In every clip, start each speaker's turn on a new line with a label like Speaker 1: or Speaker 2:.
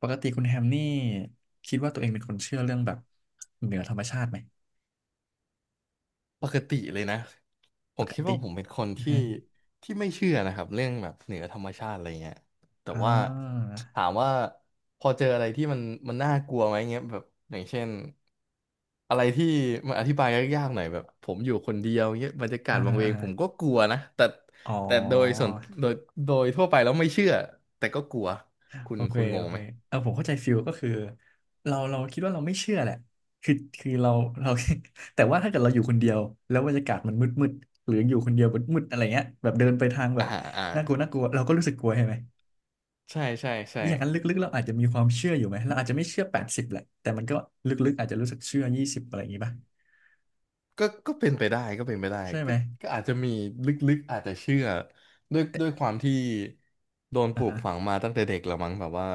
Speaker 1: ปกติคุณแฮมนี่คิดว่าตัวเองเป็นคนเชื่อเรื่องแบบเหนือธรรมชาติไหม
Speaker 2: ปกติเลยนะผ
Speaker 1: ป
Speaker 2: ม
Speaker 1: ก
Speaker 2: คิด
Speaker 1: ติ
Speaker 2: ว่าผมเป็นคน
Speaker 1: อือ
Speaker 2: ที่
Speaker 1: ฮะ
Speaker 2: ไม่เชื่อนะครับเรื่องแบบเหนือธรรมชาติอะไรเงี้ยแต่
Speaker 1: อ่
Speaker 2: ว่า
Speaker 1: า
Speaker 2: ถามว่าพอเจออะไรที่มันน่ากลัวไหมเงี้ยแบบอย่างเช่นอะไรที่มันอธิบายยากๆหน่อยแบบผมอยู่คนเดียวเงี้ยบรรยากา
Speaker 1: อ่า
Speaker 2: ศวัง
Speaker 1: อ่า
Speaker 2: เว
Speaker 1: อา
Speaker 2: งผมก็กลัวนะ
Speaker 1: อ๋อ
Speaker 2: แต่โดยโดยทั่วไปแล้วไม่เชื่อแต่ก็กลัว
Speaker 1: โอเค
Speaker 2: คุณง
Speaker 1: โอ
Speaker 2: ง
Speaker 1: เค
Speaker 2: ไหม
Speaker 1: เออผมเข้าใจฟิลก็คือเราคิดว่าเราไม่เชื่อแหละคือคือเราเรา แต่ว่าถ้าเกิดเราอยู่คนเดียวแล้วบรรยากาศมันมืดมืดหรืออยู่คนเดียวมืดมืดอะไรเงี้ยแบบเดินไปทางแบ
Speaker 2: อ่า
Speaker 1: บ
Speaker 2: อ่า
Speaker 1: น่ากลัวน่ากลัวเราก็รู้สึกกลัวใช่ไหม
Speaker 2: ใช่ใช่ใช่
Speaker 1: อย่างนั้นลึกๆเราอาจจะมีความเชื่ออยู่ไหมเราอาจจะไม่เชื่อ80แหละแต่มันก็ลึกๆอาจจะรู้สึกเชื่อ20อะไรอย่างงี้ป่ะ
Speaker 2: ก็เป็นไปได้ ก็เป็นไปได้
Speaker 1: ใช่ไห
Speaker 2: ก็
Speaker 1: ม
Speaker 2: ก็อาจจะมีลึกๆอาจจะเชื่อด้วยความที่โดนป
Speaker 1: อ่า
Speaker 2: ลูก
Speaker 1: ฮะ
Speaker 2: ฝังมาตั้งแต่เด็กละมั้งแบบว่า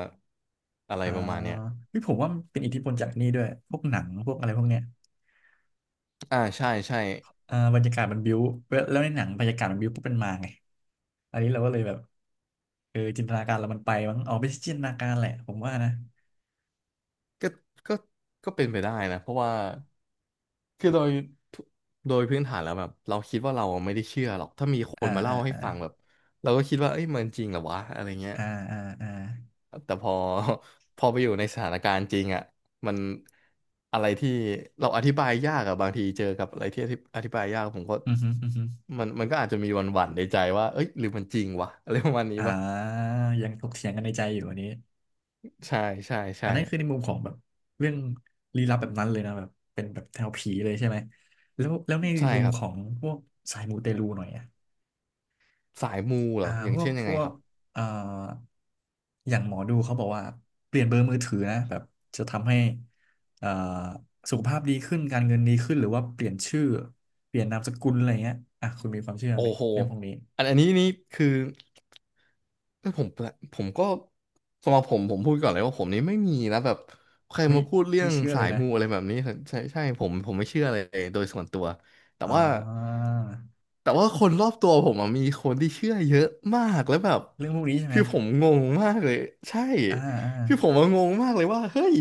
Speaker 2: อะไร
Speaker 1: อ่า
Speaker 2: ประมาณเนี้ย
Speaker 1: พี่ผมว่ามันเป็นอิทธิพลจากนี่ด้วย พวกหนัง พวกอะไรพวกเนี้ย
Speaker 2: อ่าใช่ใช่
Speaker 1: อ่าบรรยากาศมันบิ้วแล้วในหนังบรรยากาศมันบิ้วปุ๊บเป็นมาไงอันนี้เราก็เลยแบบเออจินตนาการเรามันไปมั้งอ๋อไม่ใช่จินตนาการแหละผมว่านะ
Speaker 2: ก็ก็ก็เป็นไปได้นะเพราะว่าคือโดยทุโดยพื้นฐานแล้วแบบเราคิดว่าเราไม่ได้เชื่อหรอกถ้ามีค
Speaker 1: อ่า
Speaker 2: นมา
Speaker 1: อ่า
Speaker 2: เล่าให้
Speaker 1: อ่า
Speaker 2: ฟังแบบเราก็คิดว่าเอ้ยมันจริงเหรอวะอะไรเงี้ย
Speaker 1: อ่าอ่าอ่า
Speaker 2: แต่พอ พอไปอยู่ในสถานการณ์จริงอ่ะมันอะไรที่เราอธิบายยากอะบางทีเจอกับอะไรที่อธิบายยากผมก็
Speaker 1: อือฮึอือฮึ
Speaker 2: มันก็อาจจะมีหวั่นๆในใจว่าเอ้ยหรือมันจริงวะอะไรประมาณนี้
Speaker 1: อ่า
Speaker 2: ปะ
Speaker 1: ยังถกเถียงกันในใจอยู่อันนี้
Speaker 2: ใช่ใช่
Speaker 1: อั
Speaker 2: ใช่
Speaker 1: นนั้นคือในมุมของแบบเรื่องลี้ลับแบบนั้นเลยนะแบบเป็นแบบแนวผีเลยใช่ไหมแล้วแล้วใน
Speaker 2: ใช่
Speaker 1: มุม
Speaker 2: ครับ
Speaker 1: ของพวกสายมูเตลูหน่อยอะ
Speaker 2: สายมูเหร
Speaker 1: อ่า
Speaker 2: ออย่า
Speaker 1: พ
Speaker 2: ง
Speaker 1: วก
Speaker 2: เช่นยั
Speaker 1: พ
Speaker 2: งไง
Speaker 1: ว
Speaker 2: ค
Speaker 1: ก
Speaker 2: รับ
Speaker 1: เอ่ออย่างหมอดูเขาบอกว่าเปลี่ยนเบอร์มือถือนะแบบจะทำให้เอ่อสุขภาพดีขึ้นการเงินดีขึ้นหรือว่าเปลี่ยนชื่อเปลี่ยนนามสกุลอะไรเงี้ยอ่ะคุณมีความเชื่อ
Speaker 2: โอ้
Speaker 1: ไหม
Speaker 2: โห
Speaker 1: เรื่องพวกนี้
Speaker 2: อันนี้นี่คือเอ้ยผมก็สำหรับผมผมพูดก่อนเลยว่าผมนี่ไม่มีนะแบบใคร
Speaker 1: ไม่
Speaker 2: มาพูดเรื่อ
Speaker 1: ไม่
Speaker 2: ง
Speaker 1: เชื่อเล
Speaker 2: สา
Speaker 1: ย
Speaker 2: ย
Speaker 1: นะ
Speaker 2: มูอะไรแบบนี้ใช่ใช่ผมไม่เชื่อเลยโดยส่วนตัวแต่
Speaker 1: อ๋
Speaker 2: ว่า
Speaker 1: อ
Speaker 2: แต่ว่าคนรอบตัวผมอะมีคนที่เชื่อเยอะมากแล้วแบบ
Speaker 1: เรื่องพวกนี้ใช่ไหม
Speaker 2: คือผมงงมากเลยใช่
Speaker 1: อ่าอ่า
Speaker 2: คือผมอะงงมากเลยว่าเฮ้ย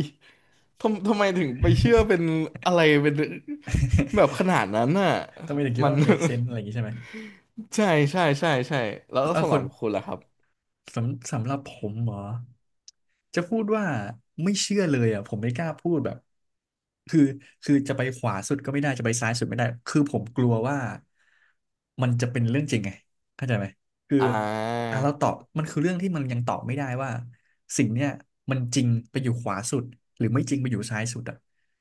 Speaker 2: ทำไมถึงไปเชื่อเป็นอะไรเป็นแบบขนาดนั้นน่ะ
Speaker 1: ทำไมถึงคิด
Speaker 2: มั
Speaker 1: ว่า
Speaker 2: น
Speaker 1: มัน make sense อะไรอย่างงี้ใช่ไหม
Speaker 2: ใช่ใช่ใช่ใช่แล้ว
Speaker 1: เออ
Speaker 2: สำห
Speaker 1: คุ
Speaker 2: รับ
Speaker 1: ณ
Speaker 2: คุณล่ะครับ
Speaker 1: สำหรับผมเหรอจะพูดว่าไม่เชื่อเลยอ่ะผมไม่กล้าพูดแบบคือจะไปขวาสุดก็ไม่ได้จะไปซ้ายสุดไม่ได้คือผมกลัวว่ามันจะเป็นเรื่องจริงไงเข้าใจไหมคือ
Speaker 2: อ่า
Speaker 1: อ่ะเราตอบมันคือเรื่องที่มันยังตอบไม่ได้ว่าสิ่งเนี้ยมันจริงไปอยู่ขวาสุดหรือไม่จริงไปอยู่ซ้ายสุดอ่ะ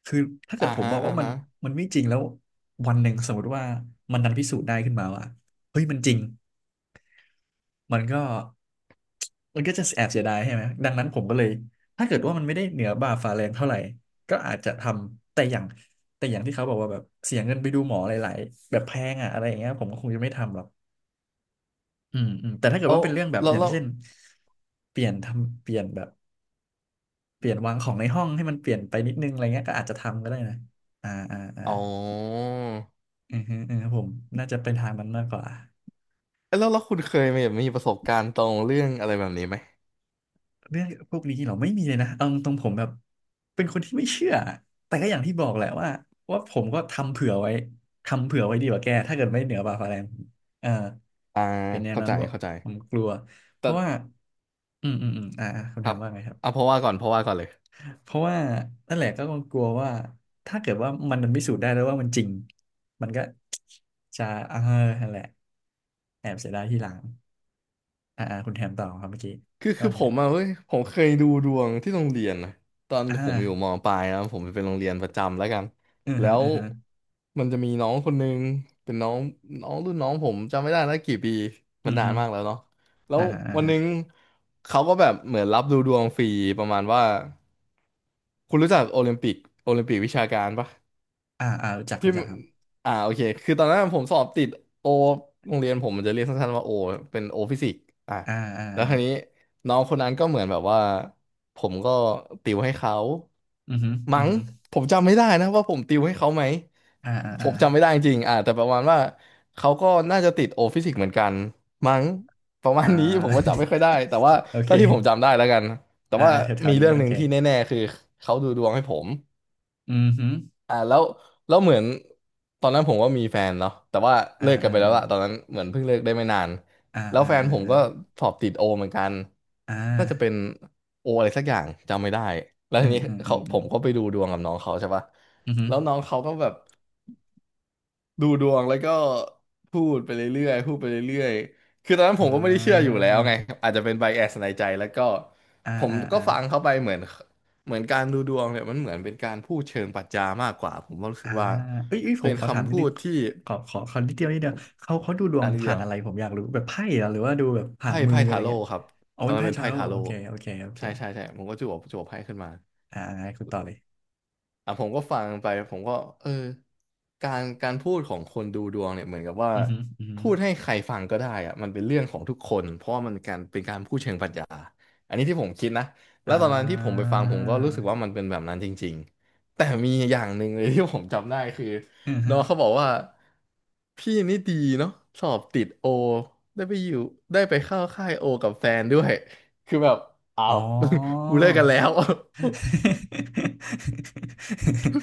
Speaker 1: คือถ้าเกิ
Speaker 2: อ่า
Speaker 1: ดผม
Speaker 2: ฮะ
Speaker 1: บอก
Speaker 2: อ่า
Speaker 1: ว่ามัน
Speaker 2: ฮะ
Speaker 1: ไม่จริงแล้ววันหนึ่งสมมติว่ามันดันพิสูจน์ได้ขึ้นมาว่าเฮ้ยมันจริง มันก็จะแอบเสียดายใช่ไหมดังนั้นผมก็เลยถ้าเกิดว่ามันไม่ได้เหนือบ่าฝ่าแรงเท่าไหร่ก็อาจจะทำแต่อย่างที่เขาบอกว่าแบบเสียเงินไปดูหมอหลายๆแบบแพงอ่ะอะไรอย่างเงี้ยผมก็คงจะไม่ทำหรอกอืมอืมแต่ถ้าเกิด
Speaker 2: แล้ว
Speaker 1: ว่าเป็นเรื่องแบบ
Speaker 2: แล้ว
Speaker 1: อย่าง
Speaker 2: แล้ว
Speaker 1: เช่นเปลี่ยนทำเปลี่ยนแบบเปลี่ยนวางของในห้องให้มันเปลี่ยนไปนิดนึงอะไรเงี้ยก็อาจจะทำก็ได้นะอ่าอ่าอ่า
Speaker 2: อ๋อ
Speaker 1: อือฮึอือฮึผมน่าจะเป็นทางมันมากกว่า
Speaker 2: เอ้ยแล้วแล้วคุณเคยมีแบบมีประสบการณ์ตรงเรื่องอะไรแบบนี้ไหม
Speaker 1: เรื่องพวกนี้เราไม่มีเลยนะเอาตรงๆผมแบบเป็นคนที่ไม่เชื่อแต่ก็อย่างที่บอกแหละว่าว่าผมก็ทำเผื่อไว้ทำเผื่อไว้ดีกว่าแกถ้าเกิดไม่เหนือบ่าฟ้าแรงเอ่า
Speaker 2: อ่า
Speaker 1: เป็นแนว
Speaker 2: เข้า
Speaker 1: นั้น
Speaker 2: ใจ
Speaker 1: บอก
Speaker 2: เข้าใจ
Speaker 1: ผมกลัวเพ
Speaker 2: แต่
Speaker 1: ราะว่าอืมอืมอืมอ่าอ่าคุณ
Speaker 2: ค
Speaker 1: แท
Speaker 2: รั
Speaker 1: น
Speaker 2: บ
Speaker 1: ว่าไงครับ
Speaker 2: เอาเพราะว่าก่อนเพราะว่าก่อนเลย
Speaker 1: เพราะว่านั่นแหละก็กลัวว่าถ้าเกิดว่ามันพิสูจน์ได้แล้วว่ามันจริงมันก็จะเออนั่นแหละแอบเสียดายทีหลังอ่าอ่าคุณแทนต่อครับเมื่อกี้
Speaker 2: คือ
Speaker 1: ว่า
Speaker 2: คือ
Speaker 1: ไง
Speaker 2: ผม
Speaker 1: นะ
Speaker 2: อะเว้ยผมเคยดูดวงที่โรงเรียนนะตอน
Speaker 1: อ่า
Speaker 2: ผมอยู่มปลายนะผมเป็นโรงเรียนประจำแล้วกัน
Speaker 1: อือ
Speaker 2: แล้
Speaker 1: ฮึ
Speaker 2: ว
Speaker 1: อือฮึ
Speaker 2: มันจะมีน้องคนนึงเป็นน้องน้องรุ่นน้องผมจำไม่ได้แล้วกี่ปีมั
Speaker 1: อื
Speaker 2: น
Speaker 1: อ
Speaker 2: นา
Speaker 1: ฮึ
Speaker 2: นมากแล้วเนาะแล้ว
Speaker 1: อ่าฮะอ่า
Speaker 2: วันห
Speaker 1: ฮะ
Speaker 2: นึงเขาก็แบบเหมือนรับดูดวงฟรีประมาณว่าคุณรู้จักโอลิมปิกโอลิมปิกวิชาการปะ
Speaker 1: อ่าอ่ารู้จัก
Speaker 2: ที่
Speaker 1: รู้จั
Speaker 2: มั
Speaker 1: ก
Speaker 2: น
Speaker 1: ครับ
Speaker 2: อ่าโอเคคือตอนนั้นผมสอบติดโอโรงเรียนผมมันจะเรียกสั้นๆว่าโอเป็นโอฟิสิกส์อ่ะ
Speaker 1: อ่าอ่า
Speaker 2: แล้ว
Speaker 1: อ่า
Speaker 2: คราวนี้น้องคนนั้นก็เหมือนแบบว่าผมก็ติวให้เขา
Speaker 1: อือฮึอื
Speaker 2: มั้
Speaker 1: อ
Speaker 2: ง
Speaker 1: ฮึ
Speaker 2: ผมจำไม่ได้นะว่าผมติวให้เขาไหม
Speaker 1: อ่าอ่า
Speaker 2: ผ
Speaker 1: อ่า
Speaker 2: มจำไม่ได้จริงๆอ่ะแต่ประมาณว่าเขาก็น่าจะติดโอฟิสิกส์เหมือนกันมั้งประมา
Speaker 1: อ่า
Speaker 2: ณนี้ ผมก็จำไม่ค่อยได้แต่ว่า
Speaker 1: โอเค
Speaker 2: เท่าที่ผมจำได้แล้วกันแต่
Speaker 1: อ่า
Speaker 2: ว่า
Speaker 1: อ่าแถว
Speaker 2: มี
Speaker 1: ๆนี้
Speaker 2: เรื่อง
Speaker 1: โอ
Speaker 2: หนึ่ง
Speaker 1: เค
Speaker 2: ที่แน่ๆคือเขาดูดวงให้ผม
Speaker 1: อือฮึ
Speaker 2: อ่าแล้วแล้วเหมือนตอนนั้นผมก็มีแฟนเนาะแต่ว่า
Speaker 1: อ่า
Speaker 2: เลิกกัน
Speaker 1: อ่า
Speaker 2: ไปแล้วล่ะตอนนั้นเหมือนเพิ่งเลิกได้ไม่นาน
Speaker 1: อ่า
Speaker 2: แล้ว
Speaker 1: อ่า
Speaker 2: แฟน
Speaker 1: อ่า
Speaker 2: ผม
Speaker 1: อ่า
Speaker 2: ก็สอบติดโอเหมือนกัน
Speaker 1: อ่
Speaker 2: น่าจะเป็น
Speaker 1: า
Speaker 2: โออะไรสักอย่างจำไม่ได้แล้ว
Speaker 1: อื
Speaker 2: ที
Speaker 1: ม
Speaker 2: นี้
Speaker 1: อืมอื
Speaker 2: เขา
Speaker 1: มอื
Speaker 2: ผ
Speaker 1: ม
Speaker 2: มก็ไปดูดวงกับน้องเขาใช่ปะ
Speaker 1: อือฮึ
Speaker 2: แล้วน้องเขาก็แบบ ดูดวงแล้วก็พูดไปเรื่อยๆพูดไปเรื่อยๆคือตอนนั้นผ
Speaker 1: อ่
Speaker 2: มก็ไม่ได้เชื่ออ
Speaker 1: า
Speaker 2: ยู่แล้วไงอาจจะเป็นไบแอสในใจแล้วก็
Speaker 1: อ่า
Speaker 2: ผม
Speaker 1: อ่า
Speaker 2: ก็
Speaker 1: อ่า
Speaker 2: ฟังเข้าไปเหมือนเหมือนการดูดวงเนี่ยมันเหมือนเป็นการพูดเชิงปรัชญามากกว่าผมก็รู้สึ
Speaker 1: อ่า
Speaker 2: กว่า
Speaker 1: เอ้ยเอ้ยผ
Speaker 2: เป็
Speaker 1: ม
Speaker 2: น
Speaker 1: ขอถาม
Speaker 2: คำ
Speaker 1: นิด
Speaker 2: พู
Speaker 1: นึง
Speaker 2: ดที่
Speaker 1: ขอนิดเดียวนิดเดียวเขาดูดว
Speaker 2: อั
Speaker 1: ง
Speaker 2: นนี้เดี
Speaker 1: ผ่า
Speaker 2: ย
Speaker 1: น
Speaker 2: ว
Speaker 1: อะไรผมอยากรู้แบบไพ่เหรอหรือว่าดูแบบผ่านมือ
Speaker 2: ไพ่
Speaker 1: อะ
Speaker 2: ทา
Speaker 1: ไร
Speaker 2: โร่
Speaker 1: เงี้ย
Speaker 2: ครับ
Speaker 1: เอา
Speaker 2: ตอ
Speaker 1: เป็
Speaker 2: น
Speaker 1: น
Speaker 2: นั้น
Speaker 1: ไพ่
Speaker 2: เป็น
Speaker 1: ทา
Speaker 2: ไพ่
Speaker 1: โร่
Speaker 2: ทา
Speaker 1: โอ
Speaker 2: โร่
Speaker 1: เคโอเคโอเค
Speaker 2: ใช่ใช่ใช่ผมก็จั่วไพ่ขึ้นมา
Speaker 1: อ่าคุณต่อเลย
Speaker 2: อ่ะผมก็ฟังไปผมก็เออการพูดของคนดูดวงเนี่ยเหมือนกับว่า
Speaker 1: อือฮึอือฮึ
Speaker 2: พูดให้ใครฟังก็ได้อะมันเป็นเรื่องของทุกคนเพราะว่ามันการเป็นการพูดเชิงปรัชญาอันนี้ที่ผมคิดนะแล้
Speaker 1: อ่
Speaker 2: วตอนนั้นที่ผม
Speaker 1: า
Speaker 2: ไปฟังผมก็รู้สึกว่ามันเป็นแบบนั้นจริงๆแต่มีอย่างหนึ่งเลย ที่ผมจำได้คือ
Speaker 1: อือฮึ
Speaker 2: น้องเขาบอกว่าพี่นี่ดีเนาะสอบติดโอได้ไปอยู่ได้ไปเข้าค่ายโอกับแฟนด้วยคือแบบอ้า
Speaker 1: อ๋อ
Speaker 2: ว กูเลิกกันแล้ว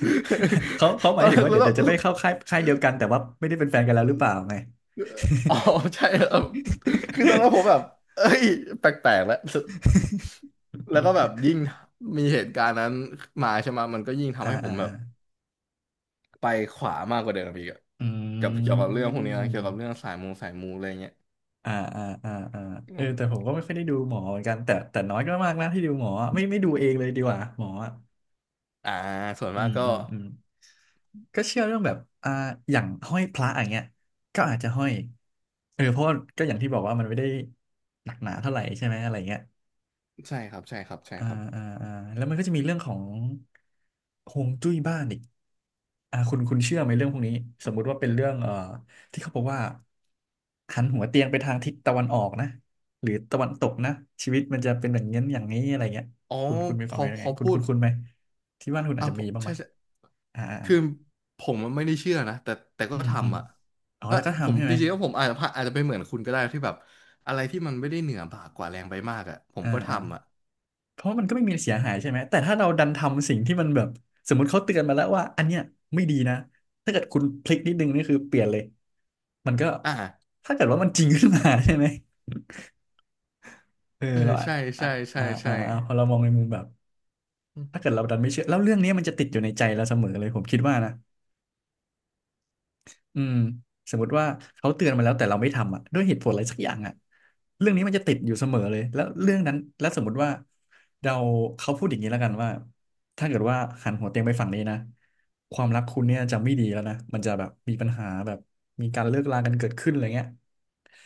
Speaker 1: เขาห
Speaker 2: ต
Speaker 1: มา
Speaker 2: อ
Speaker 1: ย
Speaker 2: น
Speaker 1: ถึง
Speaker 2: นั้น
Speaker 1: ว่าเดี๋ยว
Speaker 2: แล้ว
Speaker 1: เดี๋ยวจะไปเข้าค่ายค่ายเดียวกันแต่ว่าไม่ได้เป็นแฟนกันแล้วหรือเปล่าไง
Speaker 2: อ๋อใช่เออคือตอนนั้นผมแบบเอ้ย แปลกๆแล้ว แล้วก็แบบยิ่งมีเหตุการณ์นั้นมาใช่ไหมมันก็ยิ่ง
Speaker 1: อ่า
Speaker 2: ทำให้ ผ
Speaker 1: อ่า
Speaker 2: มแบบ
Speaker 1: อ่า
Speaker 2: ไปขวามากกว่าเดิมอีกอะ
Speaker 1: อื
Speaker 2: เกี่ยวกับเรื่องพวกนี้
Speaker 1: ม
Speaker 2: นะเกี่ยวกับเรื่องสายมูอะไรเงี้ย
Speaker 1: อ่าอ่าอ่าอ่าเอ
Speaker 2: อื
Speaker 1: อแต่ผม
Speaker 2: ม
Speaker 1: ก็ไม่ค่อยได้ดูหมอเหมือนกันแต่แต่น้อยก็มากนะที่ดูหมออะไม่ไม่ดูเองเลยดีกว่าหมออะ
Speaker 2: อ่า ส่วน
Speaker 1: อื
Speaker 2: มาก
Speaker 1: ม
Speaker 2: ก็
Speaker 1: อืมอืม ก็เชื่อเรื่องแบบอ่าอย่างห้อยพระอย่างเงี้ยก็อาจจะห้อยเออเพราะว่าก็อย่างที่บอกว่ามันไม่ได้หนักหนาเท่าไหร่ใช่ไหมอะไรเงี้ย
Speaker 2: ใช่ครับใช่ครับใช่
Speaker 1: อ่า
Speaker 2: ครับ
Speaker 1: อ่าอ่าแล้วมันก็จะมีเรื่องของฮวงจุ้ยบ้านอีกอ่าคุณเชื่อไหมเรื่องพวกนี้สมมุติว่าเป็นเรื่องที่เขาบอกว่าหันหัวเตียงไปทางทิศตะวันออกนะหรือตะวันตกนะชีวิตมันจะเป็นอย่างนี้อย่างนี้อะไรเงี้ย
Speaker 2: อ๋อ
Speaker 1: คุณมี
Speaker 2: พ
Speaker 1: ความ
Speaker 2: อ
Speaker 1: เห็นยั
Speaker 2: พ
Speaker 1: งไง
Speaker 2: อ
Speaker 1: คุณ
Speaker 2: พู
Speaker 1: คุ
Speaker 2: ด
Speaker 1: ณคุณไหมที่บ้านคุณอาจ
Speaker 2: อ่ะ
Speaker 1: จะ
Speaker 2: ผ
Speaker 1: มี
Speaker 2: ม
Speaker 1: บ้างไหม
Speaker 2: ใช่ใช่
Speaker 1: อ่าอ่า
Speaker 2: คือผมมันไม่ได้เชื่อนะแต่ก็
Speaker 1: อืมอืม
Speaker 2: ทำอ่ะ
Speaker 1: อ๋อ
Speaker 2: เออ
Speaker 1: แต่ก็
Speaker 2: ผม
Speaker 1: ทำใช่
Speaker 2: จ
Speaker 1: ไหม
Speaker 2: ริงๆแล้วผมอาจจะพลาดอาจจะเป็นเหมือนคุณก็ได้ที่แบบอะไรที่มันไม่ได้เหนือบ่ากว่าแรงไปมากอ่ะผม
Speaker 1: อ่า
Speaker 2: ก็
Speaker 1: อ่า
Speaker 2: ทำอ่ะ
Speaker 1: เพราะมันก็ไม่มีเสียหายใช่ไหมแต่ถ้าเราดันทำสิ่งที่มันแบบสมมติเขาเตือนมาแล้วว่าอันเนี้ยไม่ดีนะถ้าเกิดคุณพลิกนิดนึงนี่คือเปลี่ยนเลยมันก็
Speaker 2: อ่า
Speaker 1: ถ้าเกิดว่ามันจริงขึ้นมาใช่ไหมเออ
Speaker 2: เออ
Speaker 1: เราอ่ะ
Speaker 2: ใช่
Speaker 1: อ่ะ
Speaker 2: ใช่ใช่
Speaker 1: อ่าอ่า
Speaker 2: ใช่
Speaker 1: อ่าพอเรามองในมุมแบบ
Speaker 2: อืม
Speaker 1: ถ้าเกิดเราดันไม่เชื่อแล้วเรื่องนี้มันจะติดอยู่ในใจเราเสมอเลยผมคิดว่านะ อืมสมมติว่าเขาเตือนมาแล้วแต่เราไม่ทำอ่ะด้วยเหตุผลอะไรสักอย่างอ่ะเรื่องนี้มันจะติดอยู่เสมอเลยแล้วเรื่องนั้นแล้วสมมติว่าเราเขาพูดอย่างนี้แล้วกันว่าถ้าเกิดว่าหันหัวเตียงไปฝั่งนี้นะความรักคุณเนี่ยจะไม่ดีแล้วนะมันจะแบบมีปัญหาแบบมีการเลิกลากันเกิดขึ้นอะไรเงี้ย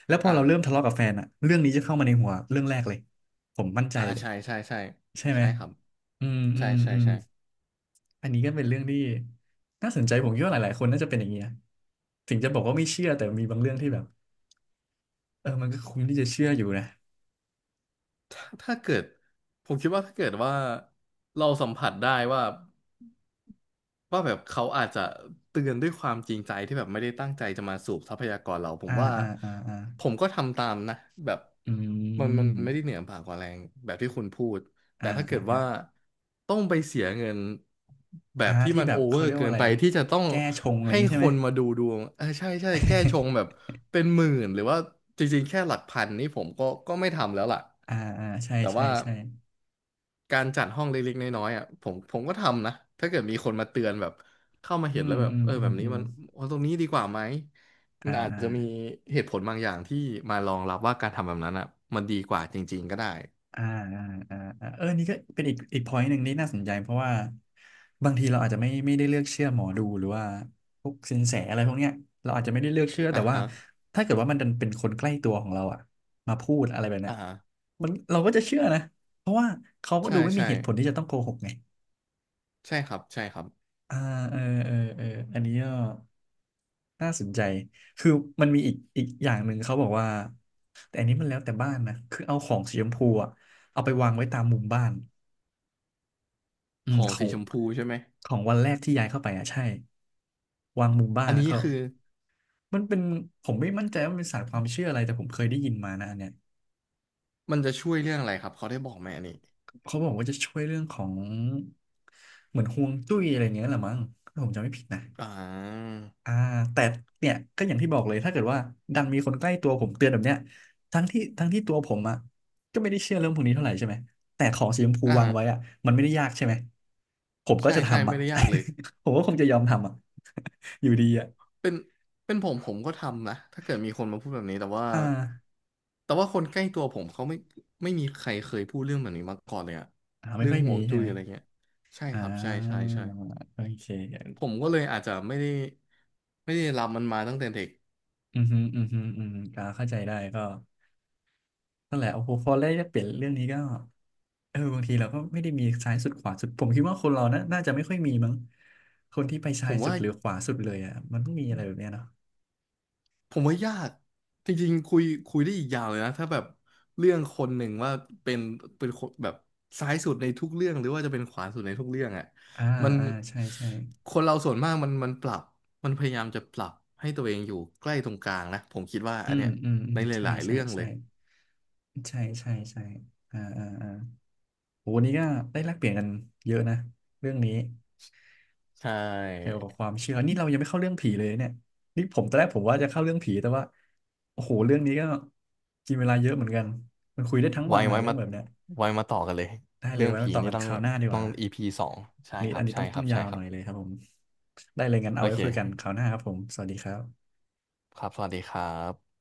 Speaker 1: แล้วพอ
Speaker 2: อ่า
Speaker 1: เราเริ่มทะเลาะกับแฟนอ่ะเรื่องนี้จะเข้ามาในหัวเรื่องแรกเลยผมมั่นใจ
Speaker 2: อ่า
Speaker 1: เลย
Speaker 2: ใช่ใช่ใช่
Speaker 1: ใช่ไหม
Speaker 2: ใช่ครับ
Speaker 1: อืมอื
Speaker 2: ใช่
Speaker 1: ม
Speaker 2: ใช่
Speaker 1: อืม
Speaker 2: ใช่
Speaker 1: อันนี้ก็เป็นเรื่องที่น่าสนใจผมคิดว่าหลายๆ คนน่าจะเป็นอย่างเงี้ยถึงจะบอกว่าไม่เชื่อแต่มีบางเรื่องที่แบบเออมันก็คุ้มที่จะเชื่ออยู่นะ
Speaker 2: ถ้าเกิดผมคิดว่าถ้าเกิดว่าเราสัมผัสได้ว่า แบบเขาอาจจะเตือนด้วยความจริงใจที่แบบไม่ได้ตั้งใจจะมาสูบทรัพยากรเราผม
Speaker 1: อ่า
Speaker 2: ว่า
Speaker 1: อ่าอ่าอ่า
Speaker 2: ผมก็ทำตามนะแบบ
Speaker 1: อื
Speaker 2: มัน
Speaker 1: ม
Speaker 2: ไม่ได้เหนือบ่ากว่าแรงแบบที่คุณพูด
Speaker 1: อ่า
Speaker 2: แต่ถ้าเกิ
Speaker 1: อ่า
Speaker 2: ด
Speaker 1: อ่า
Speaker 2: ว่าต้องไปเสียเงินแบ
Speaker 1: อ่า
Speaker 2: บที่
Speaker 1: ที่
Speaker 2: มัน
Speaker 1: แบ
Speaker 2: โอ
Speaker 1: บ
Speaker 2: เวอ
Speaker 1: เขา
Speaker 2: ร์
Speaker 1: เรียก
Speaker 2: เกิ
Speaker 1: ว่า
Speaker 2: น
Speaker 1: อะไร
Speaker 2: ไปที่จะต้อง
Speaker 1: แก้ชงอะไรอ
Speaker 2: ให้
Speaker 1: ย่างงี้ใช่
Speaker 2: ค
Speaker 1: ไหม
Speaker 2: นมาดูดวงเออใช่ใช่แก้ชงแบบ เป็นหมื่นหรือว่าจริงๆแค่หลักพันนี่ผมก็ไม่ทำแล้วล่ะ
Speaker 1: อ่าอ่าใช่
Speaker 2: แต่
Speaker 1: ใช่
Speaker 2: ว่า
Speaker 1: ใช่
Speaker 2: การจัดห้องเล็กๆน้อยๆอ่ะผมก็ทำนะถ้าเกิดมีคนมาเตือนแบบเข้ามา
Speaker 1: อื
Speaker 2: เห็น
Speaker 1: ม
Speaker 2: แล้วแบบ
Speaker 1: อืม
Speaker 2: เออ
Speaker 1: อื
Speaker 2: แบ
Speaker 1: ม
Speaker 2: บนี้
Speaker 1: อืม
Speaker 2: มันเอาตรงนี้ดีกว่าไหม
Speaker 1: อ่า
Speaker 2: อาจ
Speaker 1: อ่า
Speaker 2: จะมีเหตุผลบางอย่างที่มารองรับว่าการทำแบบนั้นอ่ะมันดีกว่าจริงๆก็ได้
Speaker 1: อ่าอ่าอ่าอ่าเออนี่ก็เป็นอีก point หนึ่งที่น่าสนใจเพราะว่าบางทีเราอาจจะไม่ได้เลือกเชื่อหมอดูหรือว่าพวกสินแสอะไรพวกเนี้ยเราอาจจะไม่ได้เลือกเชื่อ
Speaker 2: อ่า
Speaker 1: แต่ว่า
Speaker 2: ฮะ
Speaker 1: ถ้าเกิดว่ามันดันเป็นคนใกล้ตัวของเราอะมาพูดอะไรแบบเนี้ย
Speaker 2: อ่าฮะ
Speaker 1: มันเราก็จะเชื่อนะเพราะว่าเขาก็
Speaker 2: ใช่
Speaker 1: ดูไม่มี
Speaker 2: ใช่
Speaker 1: เหตุผลที่จะต้องโกหกไง
Speaker 2: ใช่ครับใช่ครับ
Speaker 1: อ่าเออเออเอออันนี้ก็น่าสนใจคือมันมีอีกอย่างหนึ่งเขาบอกว่าแต่อันนี้มันแล้วแต่บ้านนะคือเอาของสีชมพูอะเอาไปวางไว้ตามมุมบ้าน อื
Speaker 2: ข
Speaker 1: ม
Speaker 2: อง
Speaker 1: ขอ
Speaker 2: สี
Speaker 1: ง
Speaker 2: ชมพูใช่ไหม
Speaker 1: ของวันแรกที่ย้ายเข้าไปอ่ะใช่วางมุมบ้า
Speaker 2: อั
Speaker 1: น
Speaker 2: น
Speaker 1: นะ
Speaker 2: นี้
Speaker 1: ครั
Speaker 2: คือ
Speaker 1: มันเป็นผมไม่มั่นใจว่ามันเป็นศาสตร์ความเชื่ออะไรแต่ผมเคยได้ยินมานะอันเนี้ย
Speaker 2: มันจะช่วยเรื่องอะไรครับเขาได้บอกไหมอันนี้
Speaker 1: เขาบอกว่าจะช่วยเรื่องของเหมือนฮวงจุ้ยอะไรเงี้ยแหละมั้งถ้าผมจำไม่ผิดนะ
Speaker 2: อ่า
Speaker 1: อ่าแต่เนี่ยก็อย่างที่บอกเลยถ้าเกิดว่าดันมีคนใกล้ตัวผมเตือนแบบเนี้ยทั้งที่ตัวผมอ่ะก็ไม่ได้เชื่อเรื่องพวกนี้เท่าไหร่ใช่ไหมแต่ของสีชมพูวางไว้
Speaker 2: อ่า
Speaker 1: อ่ะมันไม่ได้ยากใช่ไหมผมก็
Speaker 2: ใช่
Speaker 1: จะ
Speaker 2: ใช่
Speaker 1: ทำอ่ะ
Speaker 2: ไม่ได้ยากเลย
Speaker 1: ผมก็คงจะยอมทำอ่ะ อยู่ดีอ่ะ
Speaker 2: เป็นเป็นผมผมก็ทำนะถ้าเกิดมีคนมาพูดแบบนี้แต่ว่า
Speaker 1: อ่า
Speaker 2: แต่ว่าคนใกล้ตัวผมเขาไม่มีใครเคยพูดเรื่องแบบนี้มาก่อนเลยอะ
Speaker 1: อ่าไม่
Speaker 2: เรื่อ
Speaker 1: ค่
Speaker 2: ง
Speaker 1: อย
Speaker 2: ห่
Speaker 1: มี
Speaker 2: วง
Speaker 1: ใช่
Speaker 2: จุ้ย
Speaker 1: ไหม
Speaker 2: อะไรเงี้ยใช่
Speaker 1: อ่
Speaker 2: ครับใช่ใช่
Speaker 1: า
Speaker 2: ใช่
Speaker 1: โอเ
Speaker 2: ผ
Speaker 1: ค
Speaker 2: มก็เลยอาจจะไม่ได้รับมันมาตั้งแต่เด็ก
Speaker 1: อืมฮึอืมฮึอืมก็เข้าใจได้ก็นั่นแหละโอ้โหพอได้เปลี่ยนเรื่องนี้ก็เออบางทีเราก็ไม่ได้มีซ้ายสุดขวาสุดผมคิดว่าคนเรานะน่าจะไม่ค่อยมีมั้งคนที่ไป
Speaker 2: ผ
Speaker 1: ซ้าย
Speaker 2: ม
Speaker 1: สุ
Speaker 2: ว่า
Speaker 1: ดหรือขวาสุดเลยอ่ะมันต้องมีอะไรแบบเนี้ยเนาะ
Speaker 2: ผมว่ายากจริงๆคุยได้อีกยาวเลยนะถ้าแบบเรื่องคนหนึ่งว่าเป็นเป็นคนแบบซ้ายสุดในทุกเรื่องหรือว่าจะเป็นขวาสุดในทุกเรื่องอ่ะ
Speaker 1: อ่า
Speaker 2: มัน
Speaker 1: อ่าใช่ใช่
Speaker 2: คนเราส่วนมากมันปรับมันพยายามจะปรับให้ตัวเองอยู่ใกล้ตรงกลางนะผมคิดว่า
Speaker 1: อื
Speaker 2: อัน
Speaker 1: ม
Speaker 2: เนี้ย
Speaker 1: อืมอื
Speaker 2: ใน
Speaker 1: ม
Speaker 2: ห
Speaker 1: ใช่
Speaker 2: ลายๆ
Speaker 1: ใช่
Speaker 2: เรื่องเล
Speaker 1: ใช่
Speaker 2: ย
Speaker 1: ใช่ใช่ใช่อ่าอ่าอ่าโหวันนี้ก็ได้แลกเปลี่ยนกันเยอะนะเรื่องนี้
Speaker 2: ใช
Speaker 1: เกี่ย
Speaker 2: ่
Speaker 1: วกับความเชื่อนี่เรายังไม่เข้าเรื่องผีเลยเนี่ย นี่ผมตอนแรกผมว่าจะเข้าเรื่องผีแต่ว่า โอ้โห เรื่องนี้ก็กินเวลาเยอะเหมือนกันมันคุยได้ทั้งวั
Speaker 2: ไว้
Speaker 1: นนะ
Speaker 2: ไว้
Speaker 1: เรื่อง
Speaker 2: มา
Speaker 1: แบบเนี้ย
Speaker 2: ไว้มาต่อกันเลย
Speaker 1: ได้เล
Speaker 2: เรื่
Speaker 1: ย
Speaker 2: อง
Speaker 1: ไว้มา
Speaker 2: ผี
Speaker 1: ต่อ
Speaker 2: นี่
Speaker 1: กัน
Speaker 2: ต้อ
Speaker 1: ค
Speaker 2: ง
Speaker 1: ราวหน้าดีก
Speaker 2: ต้อง
Speaker 1: ว่า
Speaker 2: อีพ p 2ใช่
Speaker 1: อันนี้
Speaker 2: ครั
Speaker 1: อั
Speaker 2: บ
Speaker 1: นนี้
Speaker 2: ใช่
Speaker 1: ต้อง
Speaker 2: ค
Speaker 1: ต้อ
Speaker 2: รั
Speaker 1: ง
Speaker 2: บ
Speaker 1: ยา
Speaker 2: ใช่
Speaker 1: ว
Speaker 2: ค
Speaker 1: ห
Speaker 2: รั
Speaker 1: น่อ
Speaker 2: บ
Speaker 1: ยเลยครับผม ได้เลยงั้นเอา
Speaker 2: โอ
Speaker 1: ไว้
Speaker 2: เค
Speaker 1: คุยกันคราวหน้าครับผมสวัสดีครับ
Speaker 2: ครับสวัสดีครับ